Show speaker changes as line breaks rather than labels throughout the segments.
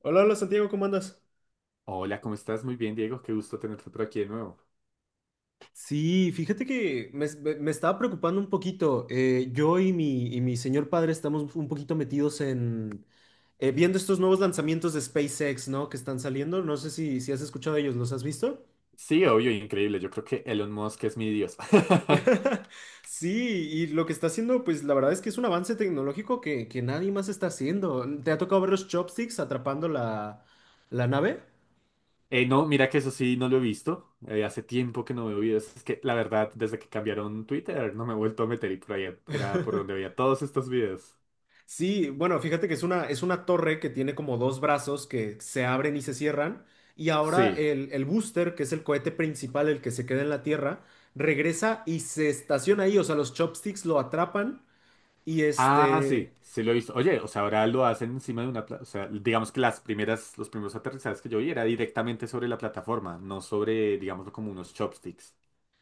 Hola, hola Santiago, ¿cómo andas?
Hola, ¿cómo estás? Muy bien, Diego. Qué gusto tenerte por aquí de nuevo.
Sí, fíjate que me estaba preocupando un poquito. Yo y mi señor padre estamos un poquito metidos en viendo estos nuevos lanzamientos de SpaceX, ¿no? Que están saliendo. No sé si has escuchado de ellos, ¿los has visto?
Sí, obvio, increíble. Yo creo que Elon Musk es mi dios.
Sí, y lo que está haciendo, pues la verdad es que es un avance tecnológico que nadie más está haciendo. ¿Te ha tocado ver los chopsticks atrapando la nave?
No, mira que eso sí no lo he visto. Hace tiempo que no veo videos. Es que la verdad, desde que cambiaron Twitter, no me he vuelto a meter y por ahí era por donde veía todos estos videos.
Sí, bueno, fíjate que es una torre que tiene como dos brazos que se abren y se cierran. Y ahora
Sí.
el booster, que es el cohete principal, el que se queda en la Tierra, regresa y se estaciona ahí. O sea, los chopsticks lo atrapan. Y
Ah,
este.
sí, sí lo he visto. Oye, o sea, ahora lo hacen encima de o sea, digamos que los primeros aterrizajes que yo vi era directamente sobre la plataforma, no sobre, digámoslo, como unos chopsticks.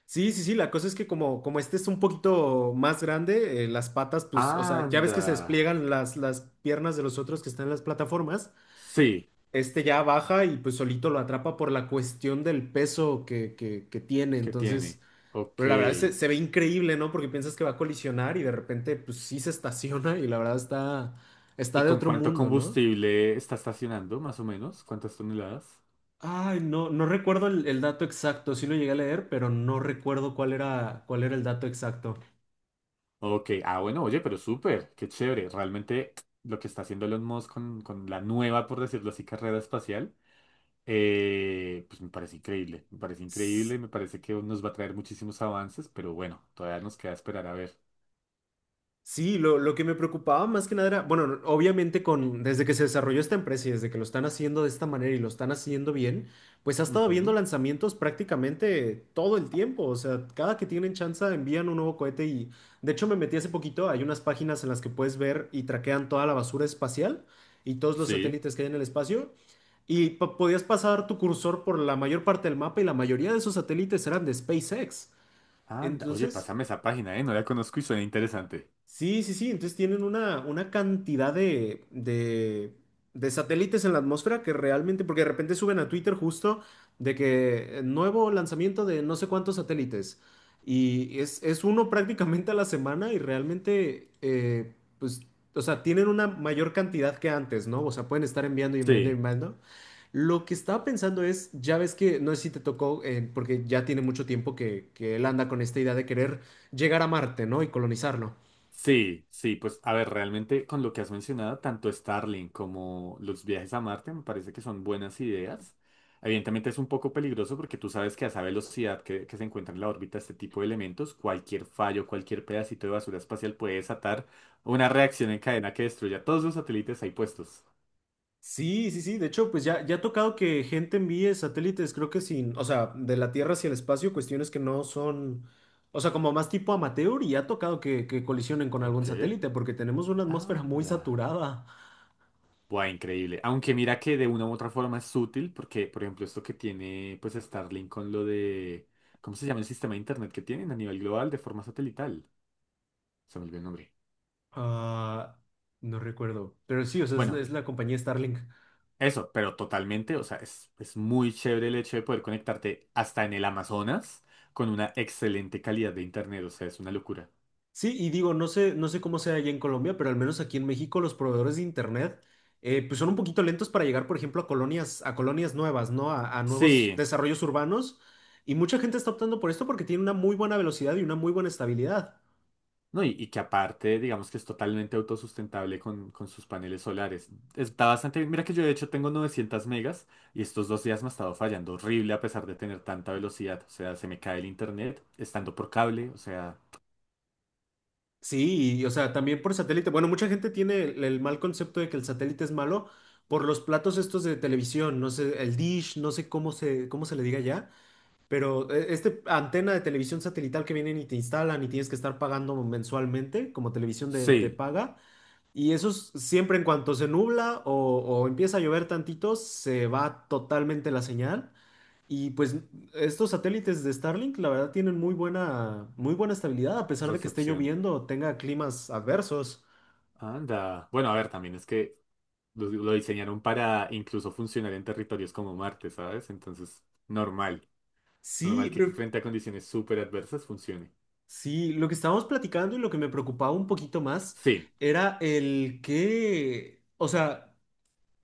Sí, sí, sí. La cosa es que como este es un poquito más grande, las patas, pues, o sea, ya ves que
Anda.
se despliegan las piernas de los otros que están en las plataformas.
Sí.
Este ya baja y pues solito lo atrapa por la cuestión del peso que tiene.
Que
Entonces.
tiene. Ok.
Pero la verdad se ve increíble, ¿no? Porque piensas que va a colisionar y de repente, pues sí se estaciona y la verdad está, está
¿Y
de
con
otro
cuánto
mundo, ¿no?
combustible está estacionando, más o menos? ¿Cuántas toneladas?
Ay, no, no recuerdo el dato exacto, sí lo llegué a leer, pero no recuerdo cuál era el dato exacto.
Ok. Ah, bueno, oye, pero súper. Qué chévere. Realmente lo que está haciendo Elon Musk con la nueva, por decirlo así, carrera espacial, pues me parece increíble. Me parece increíble. Me parece que nos va a traer muchísimos avances, pero bueno, todavía nos queda esperar a ver.
Sí, lo que me preocupaba más que nada era, bueno, obviamente con, desde que se desarrolló esta empresa y desde que lo están haciendo de esta manera y lo están haciendo bien, pues ha estado habiendo
Ujú.
lanzamientos prácticamente todo el tiempo. O sea, cada que tienen chance envían un nuevo cohete y de hecho me metí hace poquito, hay unas páginas en las que puedes ver y traquean toda la basura espacial y todos los
Sí.
satélites que hay en el espacio. Y podías pasar tu cursor por la mayor parte del mapa y la mayoría de esos satélites eran de SpaceX.
Anda. Oye,
Entonces,
pásame esa página, ¿eh? No la conozco y suena interesante.
Sí, sí, sí. Entonces tienen una cantidad de satélites en la atmósfera que realmente, porque de repente suben a Twitter justo de que nuevo lanzamiento de no sé cuántos satélites. Y es uno prácticamente a la semana y realmente, pues, o sea, tienen una mayor cantidad que antes, ¿no? O sea, pueden estar enviando y enviando y
Sí.
enviando. Lo que estaba pensando es, ya ves que, no sé si te tocó, porque ya tiene mucho tiempo que él anda con esta idea de querer llegar a Marte, ¿no? Y colonizarlo.
Sí, sí, pues a ver, realmente con lo que has mencionado, tanto Starlink como los viajes a Marte me parece que son buenas ideas. Evidentemente es un poco peligroso porque tú sabes que a esa velocidad que se encuentra en la órbita este tipo de elementos, cualquier fallo, cualquier pedacito de basura espacial puede desatar una reacción en cadena que destruya todos los satélites ahí puestos.
Sí, sí, sí. De hecho, pues ya, ya ha tocado que gente envíe satélites, creo que sin, o sea, de la Tierra hacia el espacio, cuestiones que no son, o sea, como más tipo amateur y ya ha tocado que colisionen con algún
Ok,
satélite porque tenemos una atmósfera muy
anda.
saturada.
Buah, increíble. Aunque mira que de una u otra forma es útil, porque, por ejemplo, esto que tiene pues Starlink con lo de. ¿Cómo se llama el sistema de internet que tienen a nivel global de forma satelital? Se me olvidó el nombre.
Ah, no recuerdo, pero sí, o sea,
Bueno,
es la compañía Starlink.
eso, pero totalmente, o sea, es muy chévere el hecho de poder conectarte hasta en el Amazonas con una excelente calidad de internet, o sea, es una locura.
Sí, y digo, no sé, no sé cómo sea allá en Colombia, pero al menos aquí en México los proveedores de internet pues son un poquito lentos para llegar, por ejemplo, a colonias nuevas, ¿no? A nuevos
Sí.
desarrollos urbanos. Y mucha gente está optando por esto porque tiene una muy buena velocidad y una muy buena estabilidad.
No, y que aparte, digamos que es totalmente autosustentable con sus paneles solares. Está bastante bien. Mira que yo de hecho tengo 900 megas y estos dos días me ha estado fallando horrible a pesar de tener tanta velocidad. O sea, se me cae el internet estando por cable. O sea,
Sí, y, o sea, también por satélite. Bueno, mucha gente tiene el mal concepto de que el satélite es malo por los platos estos de televisión, no sé, el dish, no sé cómo se le diga ya. Pero este antena de televisión satelital que vienen y te instalan y tienes que estar pagando mensualmente como televisión de
sí,
paga, y eso es siempre en cuanto se nubla o empieza a llover tantito, se va totalmente la señal. Y pues estos satélites de Starlink, la verdad, tienen muy buena estabilidad, a pesar de que esté
recepción.
lloviendo o tenga climas adversos.
Anda. Bueno, a ver, también es que lo diseñaron para incluso funcionar en territorios como Marte, ¿sabes? Entonces, normal.
Sí,
Normal que
pero
frente a condiciones súper adversas funcione.
sí, lo que estábamos platicando y lo que me preocupaba un poquito más
Sí,
era el que, o sea,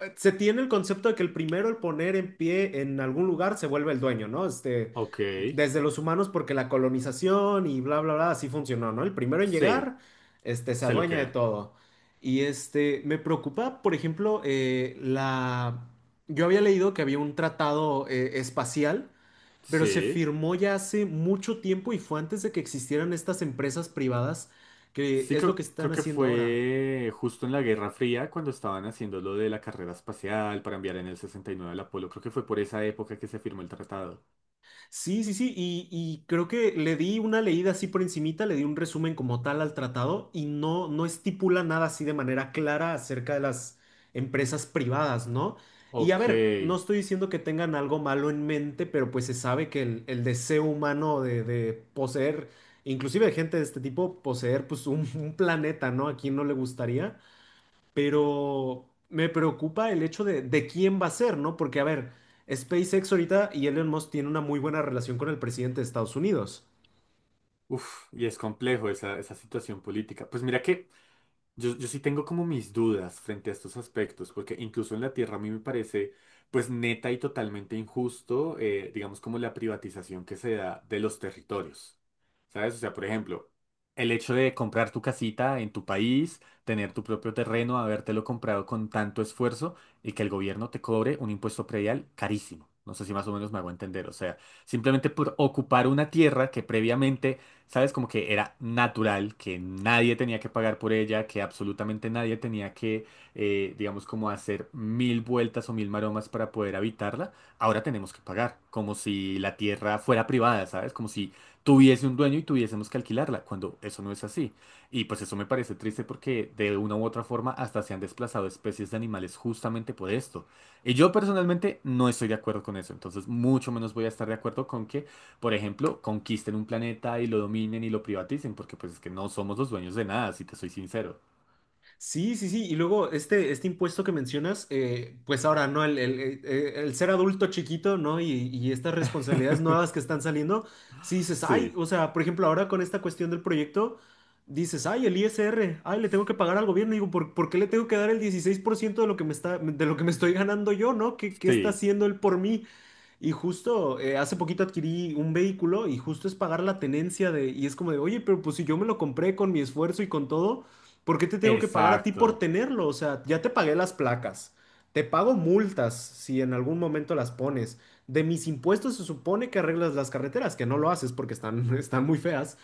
se tiene el concepto de que el primero, el poner en pie en algún lugar, se vuelve el dueño, ¿no? Este,
ok,
desde los humanos, porque la colonización y bla, bla, bla, así funcionó, ¿no? El primero en
sí,
llegar, este, se
se lo
adueña de
queda.
todo. Y este, me preocupa, por ejemplo, la... Yo había leído que había un tratado espacial, pero se
Sí.
firmó ya hace mucho tiempo y fue antes de que existieran estas empresas privadas, que
Sí,
es lo que
creo,
están
creo que
haciendo ahora.
fue justo en la Guerra Fría cuando estaban haciendo lo de la carrera espacial para enviar en el 69 al Apolo. Creo que fue por esa época que se firmó el tratado.
Sí, sí, sí, y creo que le di una leída así por encimita, le di un resumen como tal al tratado y no, no estipula nada así de manera clara acerca de las empresas privadas, ¿no? Y a
Ok.
ver, no estoy diciendo que tengan algo malo en mente, pero pues se sabe que el deseo humano de poseer, inclusive de gente de este tipo, poseer pues un planeta, ¿no? ¿A quién no le gustaría? Pero me preocupa el hecho de quién va a ser, ¿no? Porque, a ver, SpaceX ahorita y Elon Musk tienen una muy buena relación con el presidente de Estados Unidos.
Uf, y es complejo esa situación política. Pues mira que yo sí tengo como mis dudas frente a estos aspectos, porque incluso en la tierra a mí me parece pues neta y totalmente injusto, digamos como la privatización que se da de los territorios, ¿sabes? O sea, por ejemplo, el hecho de comprar tu casita en tu país, tener tu propio terreno, habértelo comprado con tanto esfuerzo y que el gobierno te cobre un impuesto predial carísimo. No sé si más o menos me hago entender. O sea, simplemente por ocupar una tierra que previamente, ¿sabes? Como que era natural, que nadie tenía que pagar por ella, que absolutamente nadie tenía que, digamos, como hacer mil vueltas o mil maromas para poder habitarla. Ahora tenemos que pagar, como si la tierra fuera privada, ¿sabes? Como si tuviese un dueño y tuviésemos que alquilarla, cuando eso no es así. Y pues eso me parece triste porque de una u otra forma hasta se han desplazado especies de animales justamente por esto. Y yo personalmente no estoy de acuerdo con eso, entonces mucho menos voy a estar de acuerdo con que, por ejemplo, conquisten un planeta y lo dominen y lo privaticen, porque pues es que no somos los dueños de nada, si te soy sincero.
Sí, sí, sí. Y luego este, este impuesto que mencionas, pues ahora, ¿no? El ser adulto chiquito, ¿no? Y estas responsabilidades nuevas que están saliendo, sí dices, ay,
Sí,
o sea, por ejemplo, ahora con esta cuestión del proyecto, dices, ay, el ISR, ay, le tengo que pagar al gobierno. Y digo, ¿por qué le tengo que dar el 16% de lo que me está, de lo que me estoy ganando yo, ¿no? ¿Qué está
sí,
haciendo él por mí? Y justo hace poquito adquirí un vehículo y justo es pagar la tenencia de, y es como de, oye, pero pues si yo me lo compré con mi esfuerzo y con todo, ¿por qué te tengo que pagar a ti por
exacto,
tenerlo? O sea, ya te pagué las placas, te pago multas si en algún momento las pones. De mis impuestos se supone que arreglas las carreteras, que no lo haces porque están, están muy feas.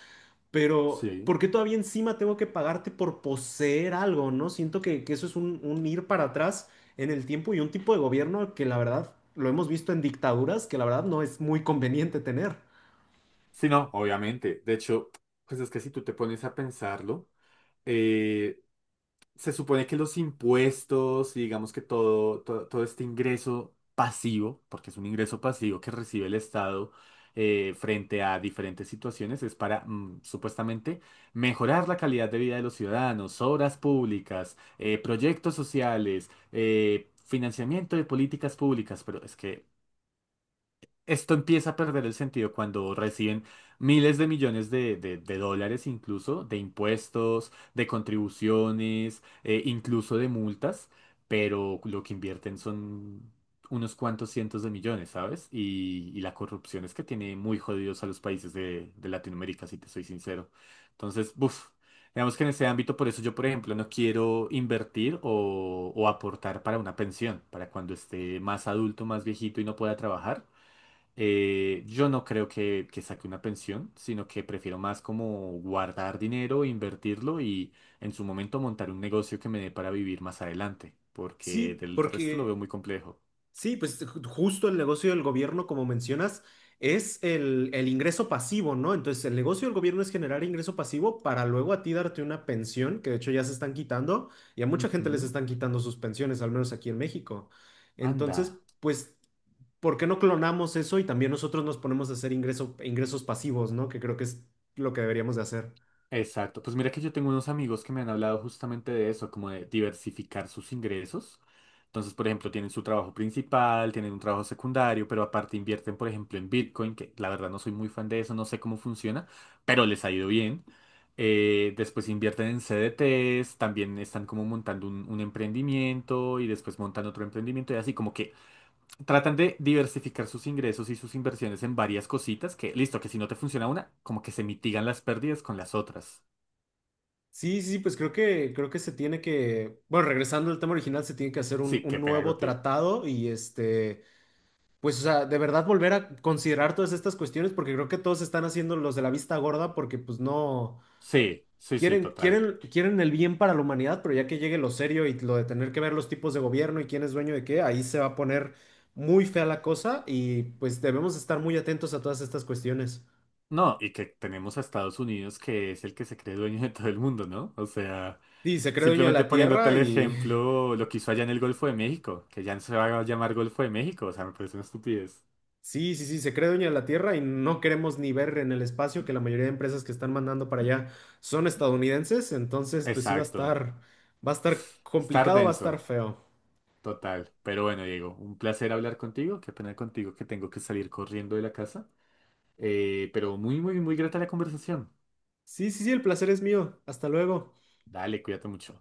Pero
sí.
¿por qué todavía encima tengo que pagarte por poseer algo, no? Siento que eso es un ir para atrás en el tiempo y un tipo de gobierno que la verdad lo hemos visto en dictaduras que la verdad no es muy conveniente tener.
Sí, no, obviamente. De hecho, pues es que si tú te pones a pensarlo, eh, se supone que los impuestos y digamos que todo, todo, todo este ingreso pasivo, porque es un ingreso pasivo que recibe el Estado frente a diferentes situaciones, es para supuestamente mejorar la calidad de vida de los ciudadanos, obras públicas, proyectos sociales, financiamiento de políticas públicas, pero es que esto empieza a perder el sentido cuando reciben miles de millones de dólares incluso, de impuestos, de contribuciones, incluso de multas, pero lo que invierten son unos cuantos cientos de millones, ¿sabes? Y la corrupción es que tiene muy jodidos a los países de Latinoamérica, si te soy sincero. Entonces, buf. Digamos que en ese ámbito, por eso yo, por ejemplo, no quiero invertir o aportar para una pensión, para cuando esté más adulto, más viejito y no pueda trabajar. Yo no creo que, saque una pensión, sino que prefiero más como guardar dinero, invertirlo y en su momento montar un negocio que me dé para vivir más adelante, porque
Sí,
del resto lo veo
porque,
muy complejo.
sí, pues justo el negocio del gobierno, como mencionas, es el ingreso pasivo, ¿no? Entonces, el negocio del gobierno es generar ingreso pasivo para luego a ti darte una pensión, que de hecho ya se están quitando, y a mucha gente les
Ujú.
están quitando sus pensiones, al menos aquí en México. Entonces,
Anda.
pues ¿por qué no clonamos eso y también nosotros nos ponemos a hacer ingresos pasivos, ¿no? Que creo que es lo que deberíamos de hacer.
Exacto. Pues mira que yo tengo unos amigos que me han hablado justamente de eso, como de diversificar sus ingresos. Entonces, por ejemplo, tienen su trabajo principal, tienen un trabajo secundario, pero aparte invierten, por ejemplo, en Bitcoin, que la verdad no soy muy fan de eso, no sé cómo funciona, pero les ha ido bien. Después invierten en CDTs, también están como montando un emprendimiento y después montan otro emprendimiento y así como que tratan de diversificar sus ingresos y sus inversiones en varias cositas que, listo, que si no te funciona una, como que se mitigan las pérdidas con las otras.
Sí, sí, pues creo que se tiene que, bueno, regresando al tema original, se tiene que hacer
Sí,
un
qué pena
nuevo
contigo.
tratado y este, pues, o sea, de verdad volver a considerar todas estas cuestiones porque creo que todos están haciendo los de la vista gorda porque pues no.
Sí, sí, sí,
Quieren,
total.
quieren, quieren el bien para la humanidad, pero ya que llegue lo serio y lo de tener que ver los tipos de gobierno y quién es dueño de qué, ahí se va a poner muy fea la cosa y pues debemos estar muy atentos a todas estas cuestiones.
No, y que tenemos a Estados Unidos que es el que se cree dueño de todo el mundo, ¿no? O sea,
Sí, se cree dueño de
simplemente
la
poniéndote
Tierra
el
y...
ejemplo, lo que hizo allá en el Golfo de México, que ya no se va a llamar Golfo de México, o sea, me parece una estupidez.
Sí, sí, sí, se cree dueño de la Tierra y no queremos ni ver en el espacio que la mayoría de empresas que están mandando para allá son estadounidenses, entonces pues sí
Exacto.
va a estar
Estar
complicado, va a estar
denso,
feo.
total. Pero bueno, Diego, un placer hablar contigo, qué pena contigo que tengo que salir corriendo de la casa. Pero muy, muy, muy grata la conversación.
Sí, sí, sí, el placer es mío. Hasta luego.
Dale, cuídate mucho.